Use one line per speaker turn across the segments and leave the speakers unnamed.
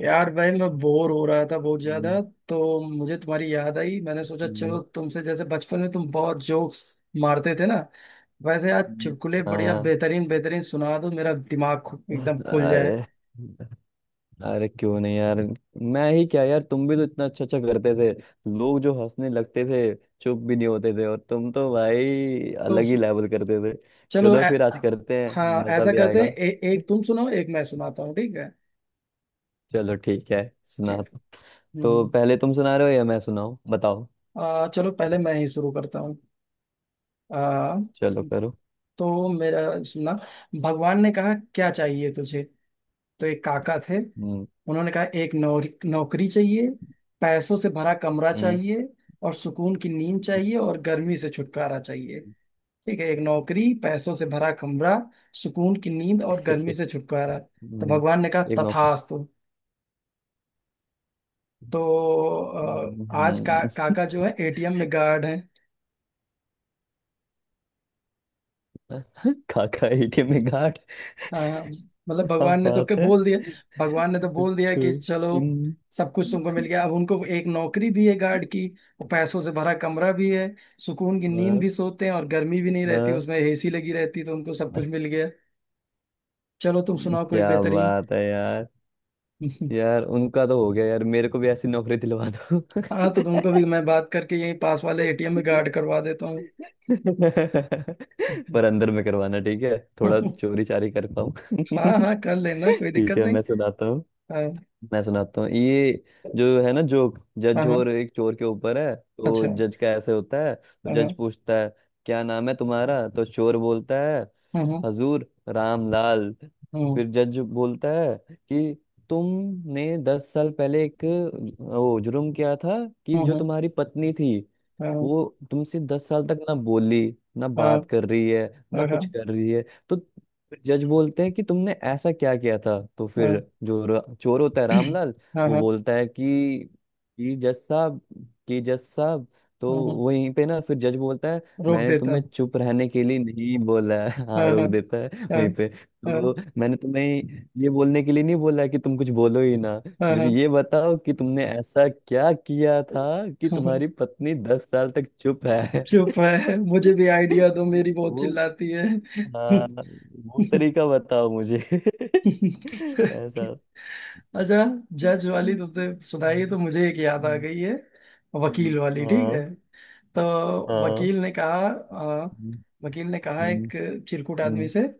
यार भाई, मैं बोर हो रहा था बहुत
हम्म।
ज्यादा। तो मुझे तुम्हारी याद आई। मैंने सोचा,
हम्म।
चलो तुमसे, जैसे बचपन में तुम बहुत जोक्स मारते थे ना, वैसे आज चुटकुले
हम्म।
बढ़िया,
हाँ।
बेहतरीन बेहतरीन सुना दो, मेरा दिमाग एकदम खुल जाए।
अरे। अरे, क्यों नहीं यार। मैं ही क्या यार, तुम भी तो इतना अच्छा अच्छा करते थे, लोग जो हंसने लगते थे, चुप भी नहीं होते थे। और तुम तो भाई
तो
अलग ही लेवल करते थे।
चलो,
चलो फिर आज करते हैं,
हाँ,
मजा
ऐसा
भी
करते हैं,
आएगा।
एक तुम सुनाओ, एक मैं सुनाता हूँ, ठीक है।
चलो ठीक है, सुना।
ठीक है। हम्म।
तो
हम्म।
पहले तुम सुना रहे हो या मैं सुनाऊं, बताओ।
चलो, पहले मैं ही शुरू करता हूँ। आ,
चलो करो।
तो मेरा सुना। भगवान ने कहा क्या चाहिए तुझे। तो एक काका थे।
हम्म।
उन्होंने कहा एक नौकरी चाहिए, पैसों से भरा कमरा
हम्म।
चाहिए, और सुकून की नींद चाहिए, और गर्मी से छुटकारा चाहिए।
हम्म।
ठीक है, एक नौकरी, पैसों से भरा कमरा, सुकून की नींद और गर्मी से छुटकारा। तो
हम्म।
भगवान ने कहा
एक नौ
तथास्तु। तो आज का
हम्म।
काका जो है एटीएम में गार्ड है।
खाका एटीएम में गार्ड।
हाँ। मतलब
क्या
भगवान ने तो क्या
बात है।
बोल दिया, भगवान ने तो बोल दिया कि
two
चलो
in-
सब कुछ तुमको मिल गया। अब उनको एक नौकरी भी है गार्ड की। वो पैसों से भरा कमरा भी है, सुकून की नींद
हाँ,
भी सोते हैं, और गर्मी भी नहीं रहती,
हाँ।
उसमें एसी लगी रहती। तो उनको सब कुछ मिल गया। चलो तुम सुनाओ कोई
क्या
बेहतरीन।
बात है यार। यार, उनका तो हो गया, यार मेरे को भी ऐसी नौकरी दिलवा दो।
हाँ, तो तुमको भी मैं बात करके यहीं पास वाले एटीएम में गार्ड करवा देता हूँ।
पर अंदर में करवाना, ठीक है, थोड़ा चोरी चारी कर
हाँ
पाऊं।
हाँ, कर लेना, कोई
ठीक
दिक्कत
है,
नहीं।
मैं सुनाता।
हाँ,
मैं सुनाता हूँ ये। जो है ना, जोक
हाँ,
जज
हाँ,
और एक चोर के ऊपर है। तो
अच्छा।
जज का ऐसे होता है, तो
हाँ,
जज
हाँ।
पूछता है क्या नाम है तुम्हारा, तो चोर बोलता है
हाँ, हाँ,
हजूर रामलाल।
हाँ,
फिर जज बोलता है कि तुमने 10 साल पहले एक वो जुर्म किया था कि जो
हाँ,
तुम्हारी पत्नी थी,
हाँ,
वो तुमसे 10 साल तक ना बोली, ना बात
हाँ,
कर रही है, ना
हाँ,
कुछ
हाँ।
कर रही है। तो फिर जज बोलते हैं कि तुमने ऐसा क्या किया था। तो
हाँ,
फिर जो चोर होता है, रामलाल,
हाँ।
वो
हाँ,
बोलता है कि जज साहब कि जज साहब, तो
हाँ, हाँ।
वहीं पे ना फिर जज बोलता है
रोक
मैंने
देता
तुम्हें
हूँ।
चुप रहने के लिए नहीं बोला है।
हाँ,
हाँ, रोक
हाँ।
देता है
हाँ।
वहीं पे।
हाँ।
तो मैंने तुम्हें ये बोलने के लिए नहीं बोला है कि तुम कुछ बोलो ही ना।
हाँ, हाँ,
मुझे
हाँ।
ये बताओ कि तुमने ऐसा क्या किया था कि
हाँ,
तुम्हारी पत्नी 10 साल तक चुप है।
चुप है, मुझे भी आइडिया दो, मेरी बहुत
वो
चिल्लाती है।
हाँ, वो तरीका बताओ मुझे। ऐसा।
अच्छा, जज वाली तो
हम्म।
तुमने सुनाई, तो मुझे एक याद आ
हम्म।
गई है,
हम्म।
वकील वाली, ठीक है।
हाँ।
तो
हाँ।
वकील ने कहा अ,
हम्म।
वकील ने कहा एक
हम्म।
चिरकुट आदमी
हम्म।
से,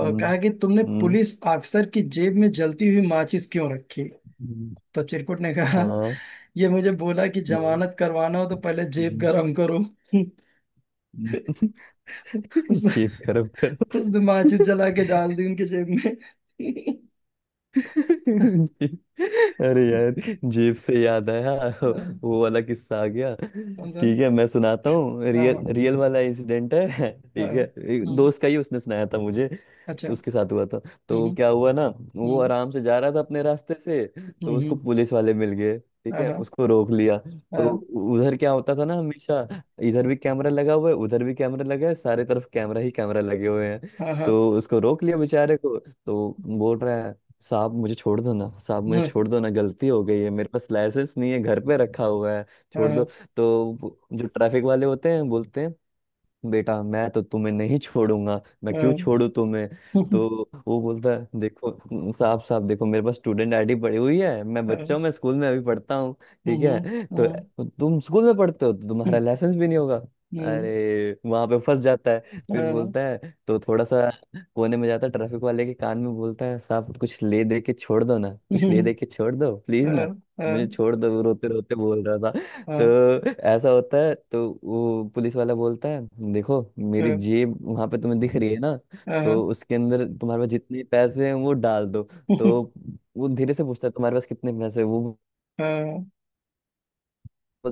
हम्म।
कि तुमने
हम्म।
पुलिस ऑफिसर की जेब में जलती हुई माचिस क्यों रखी।
हम्म।
तो चिरकुट ने कहा
हाँ।
ये मुझे बोला कि
हम्म।
जमानत करवाना हो तो पहले जेब
हम्म।
गरम करो।
हम्म।
उस,
जीभ खराब
तो
करो।
उसने माचिस जला के डाल दी उनके जेब में।
अरे यार, जेब से याद आया,
हाँ।
वो वाला किस्सा आ गया।
कौन सा?
ठीक है, मैं सुनाता हूँ,
हाँ,
रियल
हाँ।
रियल वाला इंसिडेंट है,
हाँ,
ठीक
हाँ।
है। एक
हम्म।
दोस्त का ही, उसने सुनाया था मुझे,
अच्छा।
उसके साथ हुआ था।
हम्म।
तो क्या हुआ ना, वो
हम्म।
आराम से जा रहा था अपने रास्ते से।
हम्म।
तो
हम्म।
उसको
हम्म।
पुलिस वाले मिल गए, ठीक
हाँ,
है,
हाँ,
उसको रोक लिया। तो
हाँ,
उधर क्या होता था ना हमेशा, इधर भी कैमरा लगा हुआ है, उधर भी कैमरा लगा है, सारे तरफ कैमरा ही कैमरा लगे हुए हैं।
हाँ, हाँ।
तो उसको रोक लिया बेचारे को। तो बोल रहा है साहब मुझे छोड़ दो ना, साहब मुझे
हम्म।
छोड़ दो ना, गलती हो गई है, मेरे पास लाइसेंस नहीं है, घर पे रखा हुआ है,
हाँ,
छोड़ दो।
हाँ।
तो वो जो ट्रैफिक वाले होते हैं, बोलते हैं बेटा मैं तो तुम्हें नहीं छोड़ूंगा, मैं क्यों
हम्म।
छोड़ू तुम्हें।
हम्म।
तो वो बोलता है देखो साहब, साहब देखो, मेरे पास स्टूडेंट आईडी पड़ी हुई है, मैं बच्चा हूँ, मैं स्कूल में अभी पढ़ता हूँ, ठीक
हम्म।
है। तो
हाँ।
तुम स्कूल में पढ़ते हो, तो तुम्हारा
हम्म।
लाइसेंस भी नहीं होगा।
हम्म।
अरे वहां पे फंस जाता है, फिर
हाँ।
बोलता है, तो थोड़ा सा कोने में जाता है, ट्रैफिक वाले के कान में बोलता है साहब कुछ ले दे के छोड़ दो ना, कुछ ले
हम्म।
दे के छोड़ दो प्लीज
हाँ,
ना,
हाँ,
मुझे छोड़ दो। वो रोते रोते बोल रहा था। तो
हाँ,
ऐसा होता है, तो वो पुलिस वाला बोलता है देखो, मेरी
हाँ,
जेब वहां पे तुम्हें दिख रही है ना,
हाँ, हाँ।
तो उसके अंदर तुम्हारे पास जितने पैसे हैं वो डाल दो। तो वो धीरे से पूछता है तुम्हारे पास कितने पैसे हैं? वो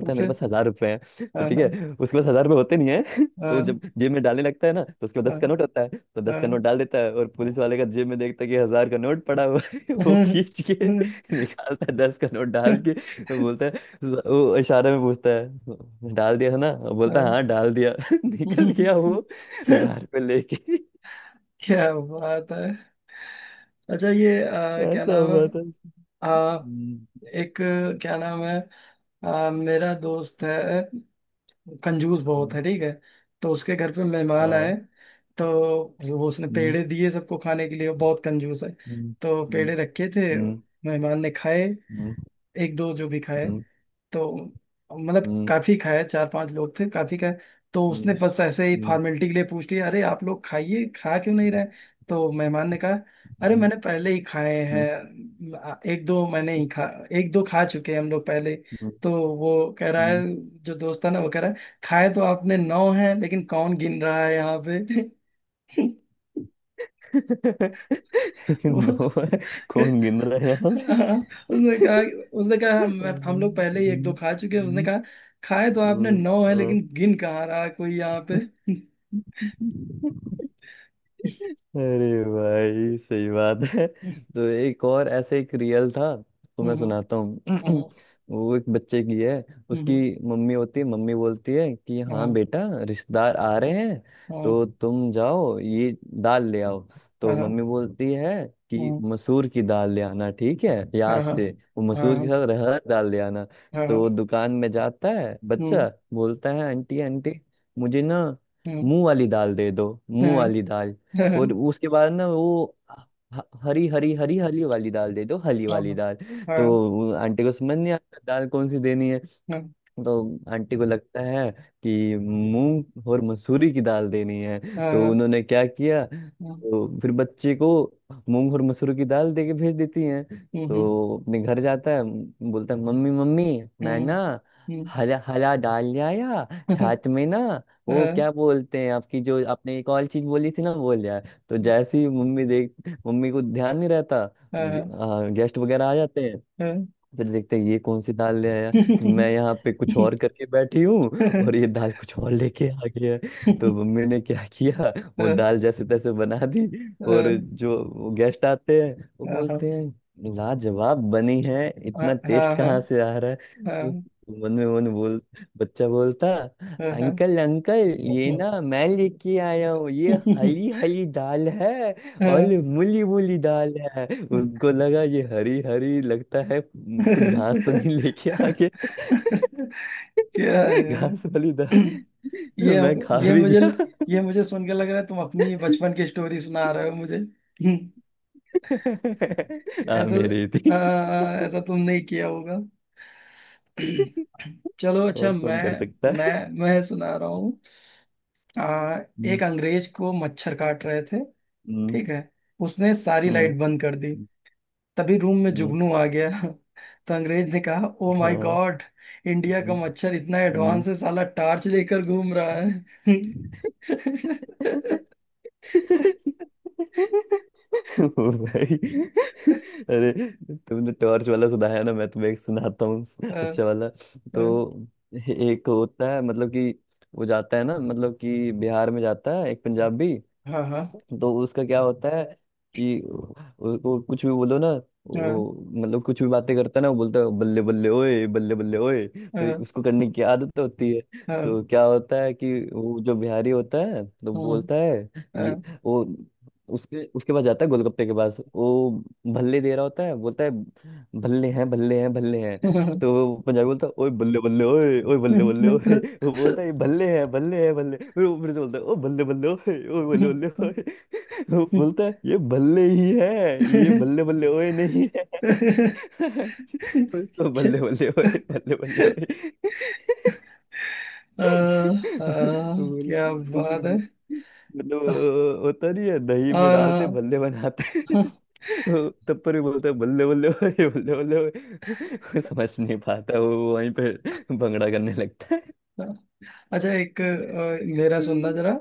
तो
है मेरे
फिर
पास 1,000 रुपए हैं। तो
हाँ,
ठीक है,
हाँ।
उसके पास 1,000 रुपए होते नहीं है। तो वो जब
हाँ,
जेब में डालने लगता है ना, तो उसके पास 10
हाँ।
का नोट होता है। तो 10 का
हाँ,
नोट डाल देता है और पुलिस वाले का जेब में देखता है कि 1,000 का नोट पड़ा हुआ है। वो
हाँ।
खींच के निकालता है, 10 का नोट डाल के। वो बोलता है, वो इशारे में पूछता है डाल दिया है ना, वो बोलता है हाँ डाल दिया। निकल गया वो, 1,000 रुपये लेके।
क्या बात है। अच्छा, ये क्या
ऐसा
नाम है,
हुआ था।
आ,
हम्म।
एक, क्या नाम है, मेरा दोस्त है, कंजूस बहुत
हम्म।
है, ठीक है। तो उसके घर पे मेहमान आए।
हाँ।
तो वो उसने
हम्म।
पेड़े दिए सबको खाने के लिए, वो बहुत कंजूस है।
हम्म।
तो पेड़े रखे थे।
हम्म।
मेहमान ने खाए,
हम्म।
एक दो जो भी खाए।
हम्म।
तो मतलब
हम्म।
काफी खाया, चार पांच लोग थे, काफी खाया। तो
हम्म।
उसने बस ऐसे ही
हम्म।
फॉर्मेलिटी के लिए पूछ लिया, अरे आप लोग खाइए, खा क्यों नहीं
हम्म।
रहे। तो मेहमान ने कहा अरे
हम्म।
मैंने पहले ही खाए
हम्म।
हैं, एक दो मैंने ही खा, एक दो खा चुके हैं हम लोग पहले।
हम्म।
तो वो कह रहा है,
हम्म।
जो दोस्त था ना वो कह रहा है, खाए तो आपने नौ हैं लेकिन कौन गिन रहा है यहाँ पे।
नो, कौन गिन
वो
रहा है यहाँ पे।
हाँ। उसने कहा, उसने कहा हम
हम्म।
हम लोग पहले ही एक दो
हम्म।
खा चुके हैं, उसने
हम्म।
कहा खाए तो आपने
हम्म।
नौ है
हम्म।
लेकिन गिन कहाँ रहा है कोई यहाँ पे।
हम्म। अरे भाई, सही बात है।
हम्म।
तो एक और ऐसे, एक रियल था, तो मैं
हम्म।
सुनाता हूँ।
हम्म।
वो एक बच्चे की है। उसकी
हम्म।
मम्मी होती है, मम्मी बोलती है कि हाँ
हम्म।
बेटा, रिश्तेदार आ रहे हैं,
हम्म।
तो तुम जाओ ये दाल ले आओ। तो
हाँ।
मम्मी बोलती है कि
हम्म।
मसूर की दाल ले आना, ठीक है, याद
हाँ। हाँ।
से वो मसूर के
हाँ।
साथ रहर दाल ले आना। तो वो
हाँ।
दुकान में जाता है
हम्म।
बच्चा, बोलता है आंटी आंटी, मुझे ना
हम्म।
मुंह वाली दाल दे दो, मुंह
हाँ।
वाली दाल। और
हाँ।
उसके बाद ना वो हरी हरी हरी हली वाली दाल दे दो, हली वाली
हाँ।
दाल। तो वो आंटी को समझ नहीं आता दाल कौन सी देनी है।
हाँ।
तो आंटी को लगता है कि मूंग और मसूरी की दाल देनी है। तो
हाँ।
उन्होंने क्या किया,
हम्म।
तो फिर बच्चे को मूंग और मसूरी की दाल दे के भेज देती हैं।
हम्म।
तो अपने घर जाता है, बोलता है मम्मी मम्मी, मैं
हम्म।
ना
हम्म।
हरा हरा दाल ले आया, छाछ में ना, वो
हाँ,
क्या बोलते हैं, आपकी जो आपने एक और चीज बोली थी ना, वो ले आया। तो जैसे ही मम्मी को ध्यान नहीं रहता,
हाँ, हाँ,
गेस्ट वगैरह आ जाते हैं,
हाँ, हाँ,
फिर देखते हैं ये कौन सी दाल ले आया। मैं
हाँ,
यहाँ पे कुछ और करके बैठी हूँ और ये दाल कुछ और लेके आ गया है। तो मम्मी ने क्या किया, वो दाल जैसे तैसे बना दी। और जो गेस्ट आते हैं, वो बोलते हैं लाजवाब बनी है,
हाँ,
इतना
हाँ,
टेस्ट
हाँ, हाँ,
कहाँ से आ रहा है। तो मन में मन बोल बच्चा बोलता
हाँ, हाँ।
अंकल अंकल, ये ना मैं लेके आया हूँ, ये हरी हरी दाल है, और मूली मूली दाल है। उसको लगा ये हरी हरी लगता है कुछ घास तो नहीं लेके आ गया।
क्या यार।
घास वाली दाल
ये
मैं खा
ये
भी
मुझे
गया।
ये मुझे सुन के लग रहा है तुम अपनी बचपन की स्टोरी सुना रहे हो मुझे,
हाँ
ऐसा,
मेरी ही थी,
ऐसा तुम नहीं किया होगा। चलो अच्छा,
और कौन कर सकता
मैं,
है।
मैं मैं सुना रहा हूँ। आ,
हम्म।
एक अंग्रेज को मच्छर काट रहे थे,
हम्म।
ठीक है। उसने सारी
हम्म।
लाइट बंद कर दी। तभी रूम में
हम्म।
जुगनू आ गया। तो अंग्रेज ने कहा ओ माय
हाँ।
गॉड, इंडिया का
हम्म।
मच्छर इतना
हम्म।
एडवांस है, साला टार्च लेकर घूम रहा है।
ओ भाई। अरे, तुमने टॉर्च वाला सुनाया ना, मैं तुम्हें एक सुनाता हूँ,
हाँ,
अच्छा वाला। तो
हाँ,
एक होता है, मतलब कि वो जाता है ना, मतलब कि बिहार में जाता है एक पंजाबी।
हाँ,
तो उसका क्या होता है कि उसको कुछ भी बोलो ना
हाँ,
वो, मतलब कुछ भी बातें करता है ना, वो बोलता है बल्ले बल्ले ओए बल्ले बल्ले ओए, तो
हाँ,
उसको करने की आदत होती है।
हाँ।
तो क्या होता है कि वो जो बिहारी होता है तो
हम्म।
बोलता है ये,
हाँ।
वो उसके उसके पास जाता है, गोलगप्पे के पास वो भल्ले दे रहा होता है, बोलता है भल्ले हैं भल्ले हैं भल्ले हैं।
हाँ।
तो वो पंजाबी बोलता है ओए बल्ले बल्ले ओए ओए बल्ले बल्ले ओए। वो बोलता है ये भल्ले हैं भल्ले हैं भल्ले। फिर वो फिर से बोलता है ओ बल्ले बल्ले ओए ओए बल्ले बल्ले ओए। तो बोलता है ये बल्ले ही है, ये बल्ले बल्ले ओए नहीं है। उसको बल्ले बल्ले ओए बल्ले बल्ले ओए।
आ, आ,
बोले
क्या
वो, फिर
बात है।
मतलब होता नहीं है, दही में डालते
आ,
बल्ले बनाते हैं। वो तब पर भी बोलता है बल्ले बल्ले ओए बल्ले बल्ले ओए। वो समझ नहीं पाता, वो वहीं पे भंगड़ा करने लगता है।
अच्छा, एक, मेरा सुनना
हम्म।
जरा।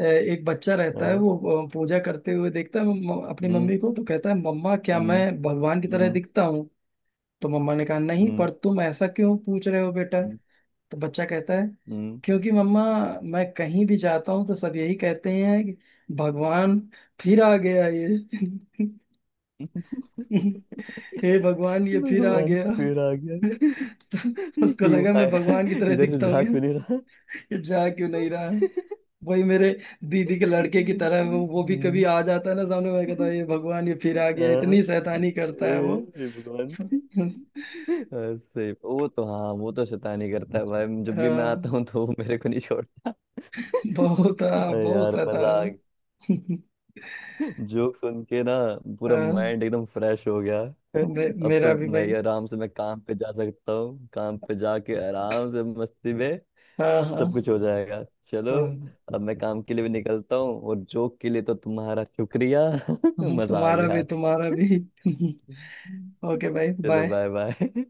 एक बच्चा रहता है,
हाँ।
वो पूजा करते हुए देखता है अपनी
हम्म।
मम्मी को। तो कहता है मम्मा, क्या
हम्म।
मैं भगवान की तरह
हम्म।
दिखता हूँ। तो मम्मा ने कहा नहीं,
हम्म।
पर तुम ऐसा क्यों पूछ रहे हो बेटा।
हम्म।
तो बच्चा कहता है
हम्म।
क्योंकि मम्मा, मैं कहीं भी जाता हूँ तो सब यही कहते हैं कि भगवान फिर आ गया ये। हे भगवान, ये फिर आ
भगवान
गया।
फिर आ गया।
तो
ये
उसको
क्यों
लगा मैं
आया,
भगवान की तरह
इधर से
दिखता हूँ
जा
क्या?
क्यों नहीं रहा।
ये जा क्यों नहीं रहा, वही मेरे दीदी के लड़के की तरह, वो भी कभी
हम्म।
आ जाता है ना सामने, मैं कहता हूँ ये भगवान, ये फिर आ गया,
हाँ।
इतनी शैतानी
ए,
करता है वो।
ए भगवान। हाँ, सही। वो तो, हाँ, वो तो शैतानी करता है भाई, जब भी मैं
हाँ,
आता हूँ तो वो मेरे को नहीं छोड़ता।
बहुत, हाँ,
अरे
बहुत
यार, मजा आ
शैतान।
गया। जोक सुन के ना पूरा
हाँ।
माइंड एकदम फ्रेश हो गया। अब तो
मेरा भी
मैं
भाई।
ये आराम से, मैं काम पे जा सकता हूँ, काम पे जाके आराम से मस्ती में
हाँ,
सब
हाँ।
कुछ हो जाएगा, चलो।
हाँ,
अब मैं काम के लिए भी निकलता हूँ, और जोक के लिए तो तुम्हारा शुक्रिया।
हाँ,
मजा आ
तुम्हारा
गया
भी,
आज।
तुम्हारा भी। ओके भाई,
चलो
बाय।
Bye bye.